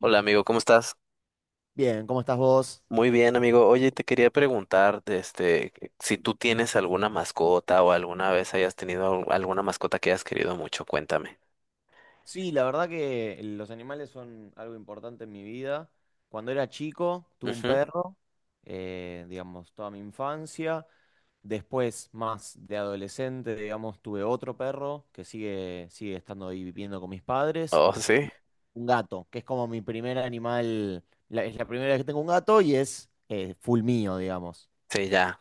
Hola amigo, ¿cómo estás? Bien, ¿cómo estás vos? Muy bien amigo. Oye, te quería preguntar, si tú tienes alguna mascota o alguna vez hayas tenido alguna mascota que hayas querido mucho, cuéntame. Sí, la verdad que los animales son algo importante en mi vida. Cuando era chico, tuve un Ujú. perro, digamos, toda mi infancia. Después, más de adolescente, digamos, tuve otro perro que sigue estando ahí viviendo con mis padres. Oh, sí. Un gato, que es como mi primer animal, es la primera vez que tengo un gato y es full mío, digamos. Sí, ya.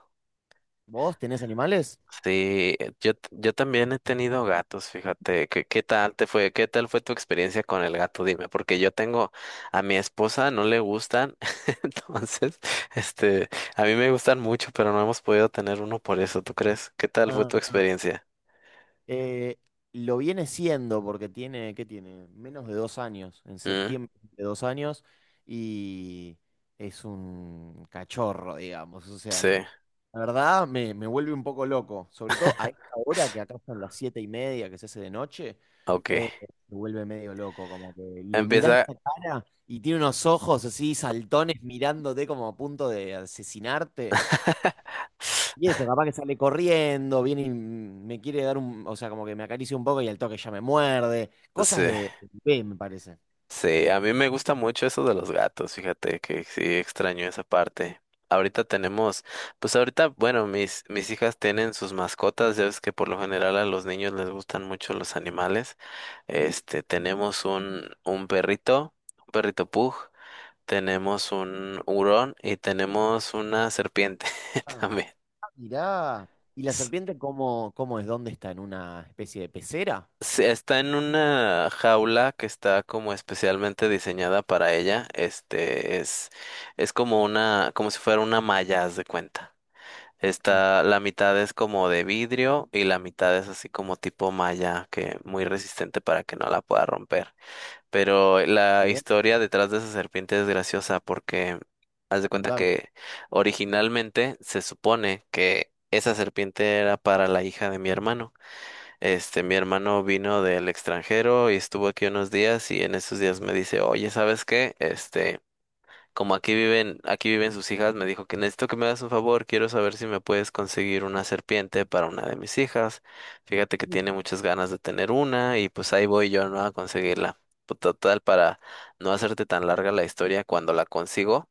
¿Vos tenés animales? Sí, yo también he tenido gatos, fíjate. ¿Qué tal te fue? ¿Qué tal fue tu experiencia con el gato? Dime, porque yo tengo a mi esposa, no le gustan, entonces, este, a mí me gustan mucho, pero no hemos podido tener uno por eso, ¿tú crees? ¿Qué tal fue tu Ah. experiencia? Eh, lo viene siendo porque tiene, ¿qué tiene? Menos de 2 años, en Mm, septiembre de 2 años, y es un cachorro, digamos. O sea, sí. la verdad me vuelve un poco loco, sobre todo a esta hora que acá son las 7:30 que se hace de noche, Ok, eh, me vuelve medio loco, como que le mirás empieza. la cara y tiene unos ojos así saltones mirándote como a punto de asesinarte. Y eso, capaz que sale corriendo, viene y me quiere dar un, o sea, como que me acaricia un poco y al toque ya me muerde. Sí, Cosas de bebé, me parece. sí, a mí me gusta mucho eso de los gatos, fíjate que sí extraño esa parte. Ahorita tenemos, pues ahorita, bueno, mis hijas tienen sus mascotas, ya ves que por lo general a los niños les gustan mucho los animales. Este, tenemos un perrito pug, tenemos un hurón y tenemos una serpiente Ah, también. ah, mirá. ¿Y la serpiente cómo, cómo es? ¿Dónde está? ¿En una especie de pecera? Sí, está en una jaula que está como especialmente diseñada para ella. Este es como una, como si fuera una malla, haz de cuenta. Mm. Está, la mitad es como de vidrio y la mitad es así como tipo malla, que muy resistente para que no la pueda romper. Pero la Bien, historia detrás de esa serpiente es graciosa porque haz de cuenta contame. que originalmente se supone que esa serpiente era para la hija de mi hermano. Este, mi hermano vino del extranjero y estuvo aquí unos días y en esos días me dice, oye, ¿sabes qué? Este, como aquí viven sus hijas, me dijo que necesito que me hagas un favor, quiero saber si me puedes conseguir una serpiente para una de mis hijas. Fíjate que Mm. tiene muchas ganas de tener una y pues ahí voy yo, ¿no? A conseguirla. Pues, total, para no hacerte tan larga la historia, cuando la consigo,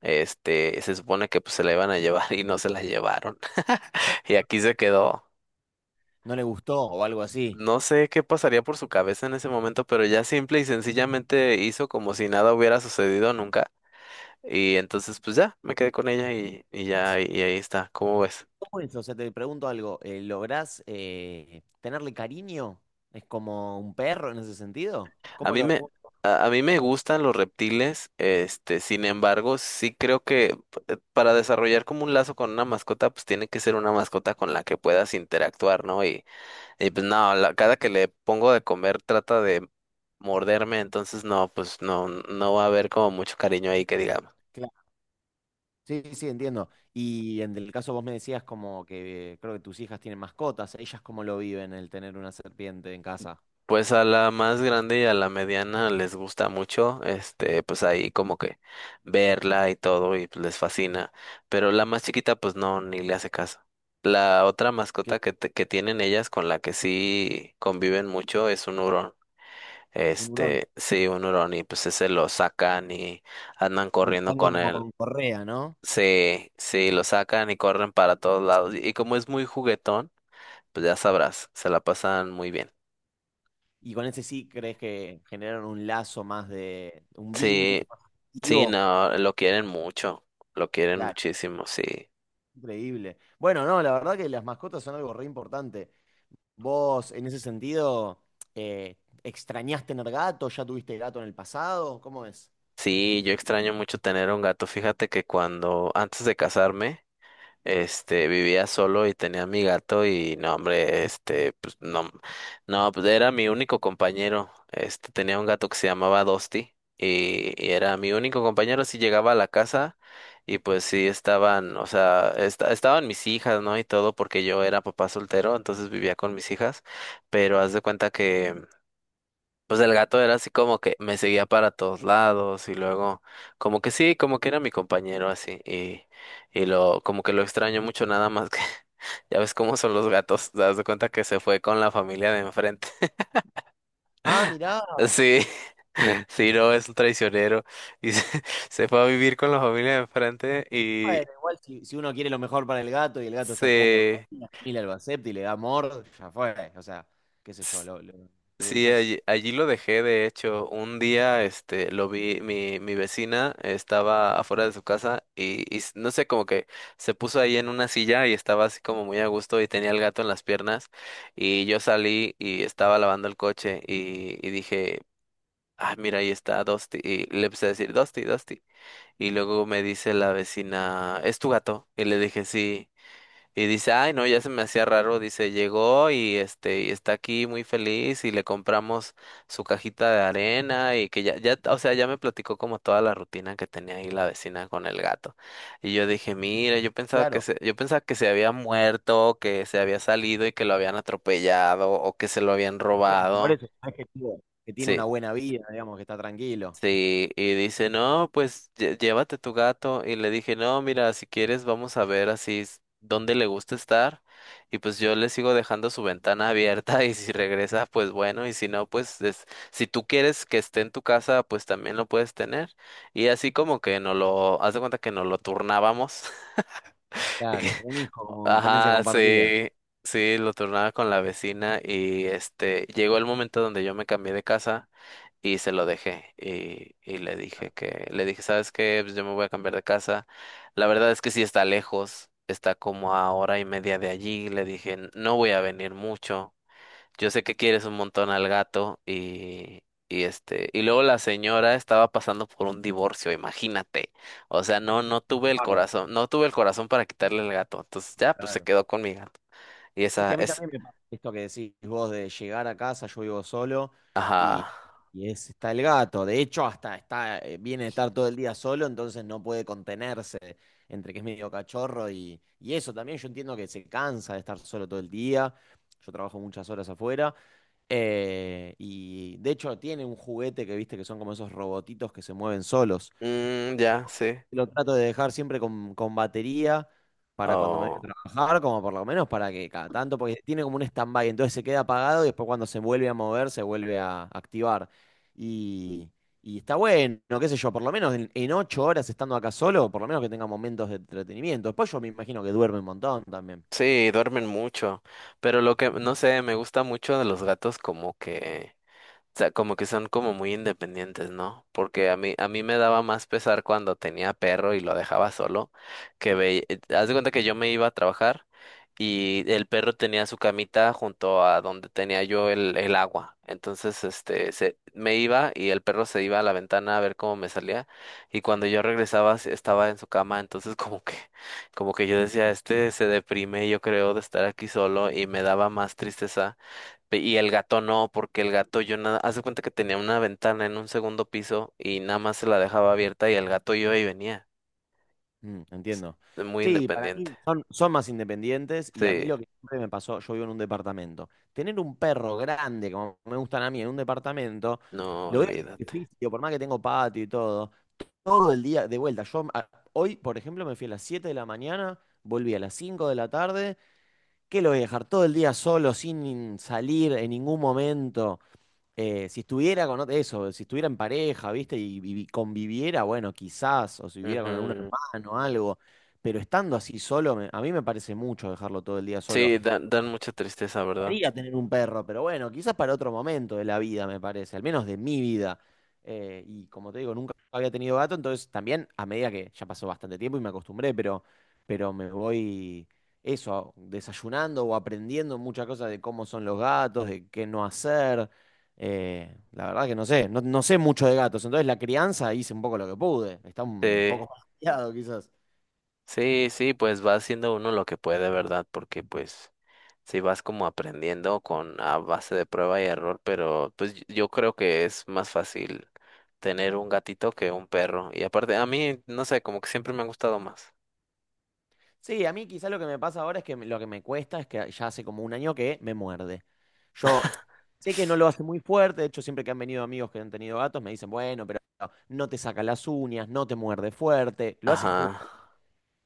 este, se supone que pues se la iban a llevar y no se la llevaron. Y aquí se quedó. ¿No le gustó o algo así? No sé qué pasaría por su cabeza en ese momento, pero ya simple y sencillamente hizo como si nada hubiera sucedido nunca. Y entonces, pues ya, me quedé con ella y Sí. ya, y ahí está. ¿Cómo ves? ¿Cómo es? O sea, te pregunto algo. ¿Lográs tenerle cariño? ¿Es como un perro en ese sentido? A ¿Cómo mí lo...? me, a mí me gustan los reptiles, este, sin embargo, sí creo que para desarrollar como un lazo con una mascota, pues tiene que ser una mascota con la que puedas interactuar, ¿no? Y Mm. pues no, cada que le pongo de comer trata de morderme, entonces no, pues no, no va a haber como mucho cariño ahí que digamos. Sí, sí, entiendo. Y en el caso vos me decías como que creo que tus hijas tienen mascotas, ellas cómo lo viven el tener una serpiente en casa. Pues a la más grande y a la mediana les gusta mucho, este, pues ahí como que verla y todo y pues les fascina, pero la más chiquita pues no, ni le hace caso. La otra mascota Claro. que, que tienen ellas con la que sí conviven mucho es un hurón. Un hurón. Este, sí, un hurón y pues ese lo sacan y andan Y corriendo van con como él. con correa, ¿no? Sí, sí, lo sacan y corren para todos lados y como es muy juguetón, pues ya sabrás, se la pasan muy bien. Y con ese sí crees que generaron un lazo más de, un vínculo Sí, más sí, afectivo. no, lo quieren mucho, lo quieren Claro, muchísimo, sí. increíble. Bueno, no, la verdad que las mascotas son algo re importante. Vos, en ese sentido, eh, ¿extrañás tener gato? ¿Ya tuviste gato en el pasado? ¿Cómo es? Sí, yo extraño mucho tener un gato. Fíjate que cuando, antes de casarme, este, vivía solo y tenía mi gato y no, hombre, este, pues no, no, pues era mi único compañero. Este, tenía un gato que se llamaba Dosti y era mi único compañero. Si llegaba a la casa y pues sí estaban, o sea, estaban mis hijas, ¿no? Y todo porque yo era papá soltero, entonces vivía con mis hijas pero haz de cuenta que pues el gato era así como que me seguía para todos lados y luego como que sí, como que era mi compañero así y lo como que lo extraño mucho nada más que ya ves cómo son los gatos, te das de cuenta que se fue con la familia de enfrente. Ah, mirá. Sí, sí, no, es un traicionero y se, se fue a vivir con la familia de enfrente y Bueno, igual si, si uno quiere lo mejor para el gato y el gato está cómodo, se... y la familia lo acepta y le da amor, ya fue. O sea, qué sé yo, pero sí, quizás, allí, allí lo dejé, de hecho, un día, este, lo vi, mi vecina estaba afuera de su casa y, no sé, como que se puso ahí en una silla y estaba así como muy a gusto y tenía el gato en las piernas y yo salí y estaba lavando el coche y dije, ah, mira, ahí está Dusty y le empecé a decir, Dusty, Dusty y luego me dice la vecina, ¿es tu gato? Y le dije, sí. Y dice, ay, no, ya se me hacía raro, dice, llegó y este, y está aquí muy feliz y le compramos su cajita de arena y que ya, ya, o sea, ya me platicó como toda la rutina que tenía ahí la vecina con el gato. Y yo dije, mira, yo pensaba que claro, se, yo pensaba que se había muerto, que se había salido y que lo habían atropellado o que se lo habían bueno, por robado. eso es que, que tiene una Sí, buena vida, digamos, que está tranquilo. sí, y dice, no, pues llévate tu gato. Y le dije, no, mira, si quieres vamos a ver así dónde le gusta estar. Y pues yo le sigo dejando su ventana abierta y si regresa, pues bueno, y si no, pues si tú quieres que esté en tu casa, pues también lo puedes tener. Y así como que no lo, haz de cuenta que nos lo turnábamos. Y Claro, un hijo como con tendencia ajá, compartida. sí, sí, lo turnaba con la vecina y este, llegó el momento donde yo me cambié de casa y se lo dejé y le dije que, le dije, ¿sabes qué? Pues yo me voy a cambiar de casa. La verdad es que sí está lejos, está como a hora y media de allí. Le dije, no voy a venir mucho. Yo sé que quieres un montón al gato y este, y luego la señora estaba pasando por un divorcio, imagínate. O sea, no, no tuve el Bárbaro. corazón, no tuve el corazón para quitarle el gato. Entonces ya, pues se Claro. quedó con mi gato. Y Es esa que a mí es, también me pasa esto que decís vos de llegar a casa, yo vivo solo y, ajá, y es, está el gato. De hecho, hasta está, viene a estar todo el día solo, entonces no puede contenerse entre que es medio cachorro y eso. También yo entiendo que se cansa de estar solo todo el día. Yo trabajo muchas horas afuera. Y de hecho tiene un juguete que viste que son como esos robotitos que se mueven solos. mm, ya, sí. Lo trato de dejar siempre con batería para cuando me voy a trabajar, como por lo menos para que cada tanto, porque tiene como un stand-by, entonces se queda apagado y después cuando se vuelve a mover, se vuelve a activar. Y, y está bueno, qué sé yo, por lo menos en 8 horas estando acá solo, por lo menos que tenga momentos de entretenimiento. Después yo me imagino que duerme un montón también. Sí, duermen mucho, pero lo que, no sé, me gusta mucho de los gatos como que sea, como que son como muy independientes, ¿no? Porque a mí me daba más pesar cuando tenía perro y lo dejaba solo, que ve, haz de cuenta que yo me iba a trabajar y el perro tenía su camita junto a donde tenía yo el agua. Entonces, este, se, me iba y el perro se iba a la ventana a ver cómo me salía y cuando yo regresaba estaba en su cama, entonces como que yo decía, este se deprime, yo creo, de estar aquí solo y me daba más tristeza. Y el gato no, porque el gato yo nada, haz de cuenta que tenía una ventana en un segundo piso y nada más se la dejaba abierta y el gato iba y venía, Mm, entiendo. de muy Sí, para independiente. mí son más independientes y a mí Sí, lo que siempre me pasó, yo vivo en un departamento. Tener un perro grande, como me gustan a mí, en un departamento, no, lo veo olvídate. difícil, por más que tengo patio y todo, todo el día de vuelta. Hoy, por ejemplo, me fui a las 7 de la mañana, volví a las 5 de la tarde, que lo voy a dejar todo el día solo, sin salir en ningún momento. Si estuviera con eso, si estuviera en pareja, ¿viste? Y, conviviera, bueno, quizás, o si viviera con algún Ujú. hermano, algo, pero estando así solo, a mí me parece mucho dejarlo todo el día solo. Sí, dan mucha tristeza, ¿verdad? Gustaría tener un perro, pero bueno, quizás para otro momento de la vida, me parece, al menos de mi vida. Y como te digo, nunca había tenido gato, entonces también a medida que ya pasó bastante tiempo y me acostumbré, pero, me voy eso, desayunando o aprendiendo muchas cosas de cómo son los gatos, de qué no hacer. La verdad que no sé, no, no sé mucho de gatos, entonces la crianza hice un poco lo que pude, está Sí, un poco más quizás. sí, sí, pues va haciendo uno lo que puede, ¿verdad? Porque pues sí vas como aprendiendo con a base de prueba y error, pero pues yo creo que es más fácil tener un gatito que un perro. Y aparte, a mí, no sé, como que siempre me han gustado más. Sí, a mí quizá lo que me pasa ahora es que lo que me cuesta es que ya hace como un año que me muerde. Yo sé que no lo hace muy fuerte, de hecho siempre que han venido amigos que han tenido gatos me dicen, bueno, pero no te saca las uñas, no te muerde fuerte, lo hace Ajá. jugando.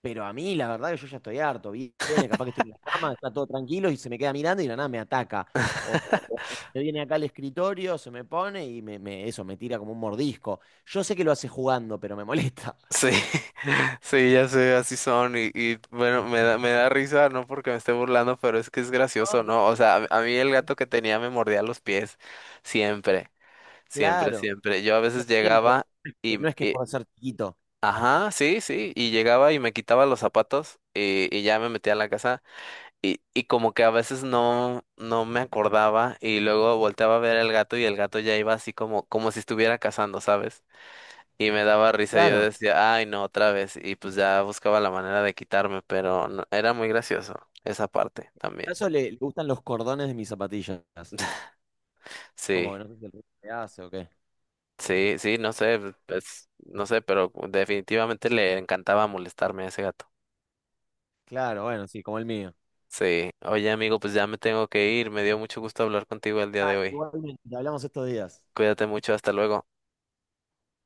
Pero a mí la verdad que yo ya estoy harto, viene, capaz que estoy en la cama, está todo tranquilo y se me queda mirando y de la nada me ataca. O, o se viene acá al escritorio, se me pone y eso, me tira como un mordisco. Yo sé que lo hace jugando, pero me molesta. Sí, sí, ya sé, así son. Y, bueno, me da risa, no porque me esté burlando, pero es que es gracioso, ¿no? O sea, a mí el gato que tenía me mordía los pies. Siempre, siempre, Claro. siempre. Yo a No veces siempre. llegaba y, No es que y- por ser chiquito. ajá, sí, sí. Y llegaba y me quitaba los zapatos y ya me metía a la casa. Y como que a veces no, no me acordaba. Y luego volteaba a ver al gato y el gato ya iba así como, como si estuviera cazando, ¿sabes? Y me daba risa, yo Claro. decía, ay, no, otra vez. Y pues ya buscaba la manera de quitarme, pero era muy gracioso esa parte A también. eso le, le gustan los cordones de mis zapatillas. Como Sí, que no sé si el ruido que hace o qué. sí, sí, no sé, pues, no sé, pero definitivamente le encantaba molestarme a ese gato. Claro, bueno, sí, como el mío. Sí, oye amigo, pues ya me tengo que ir, me dio mucho gusto hablar contigo el día de hoy. Igualmente, hablamos estos días. Cuídate mucho, hasta luego.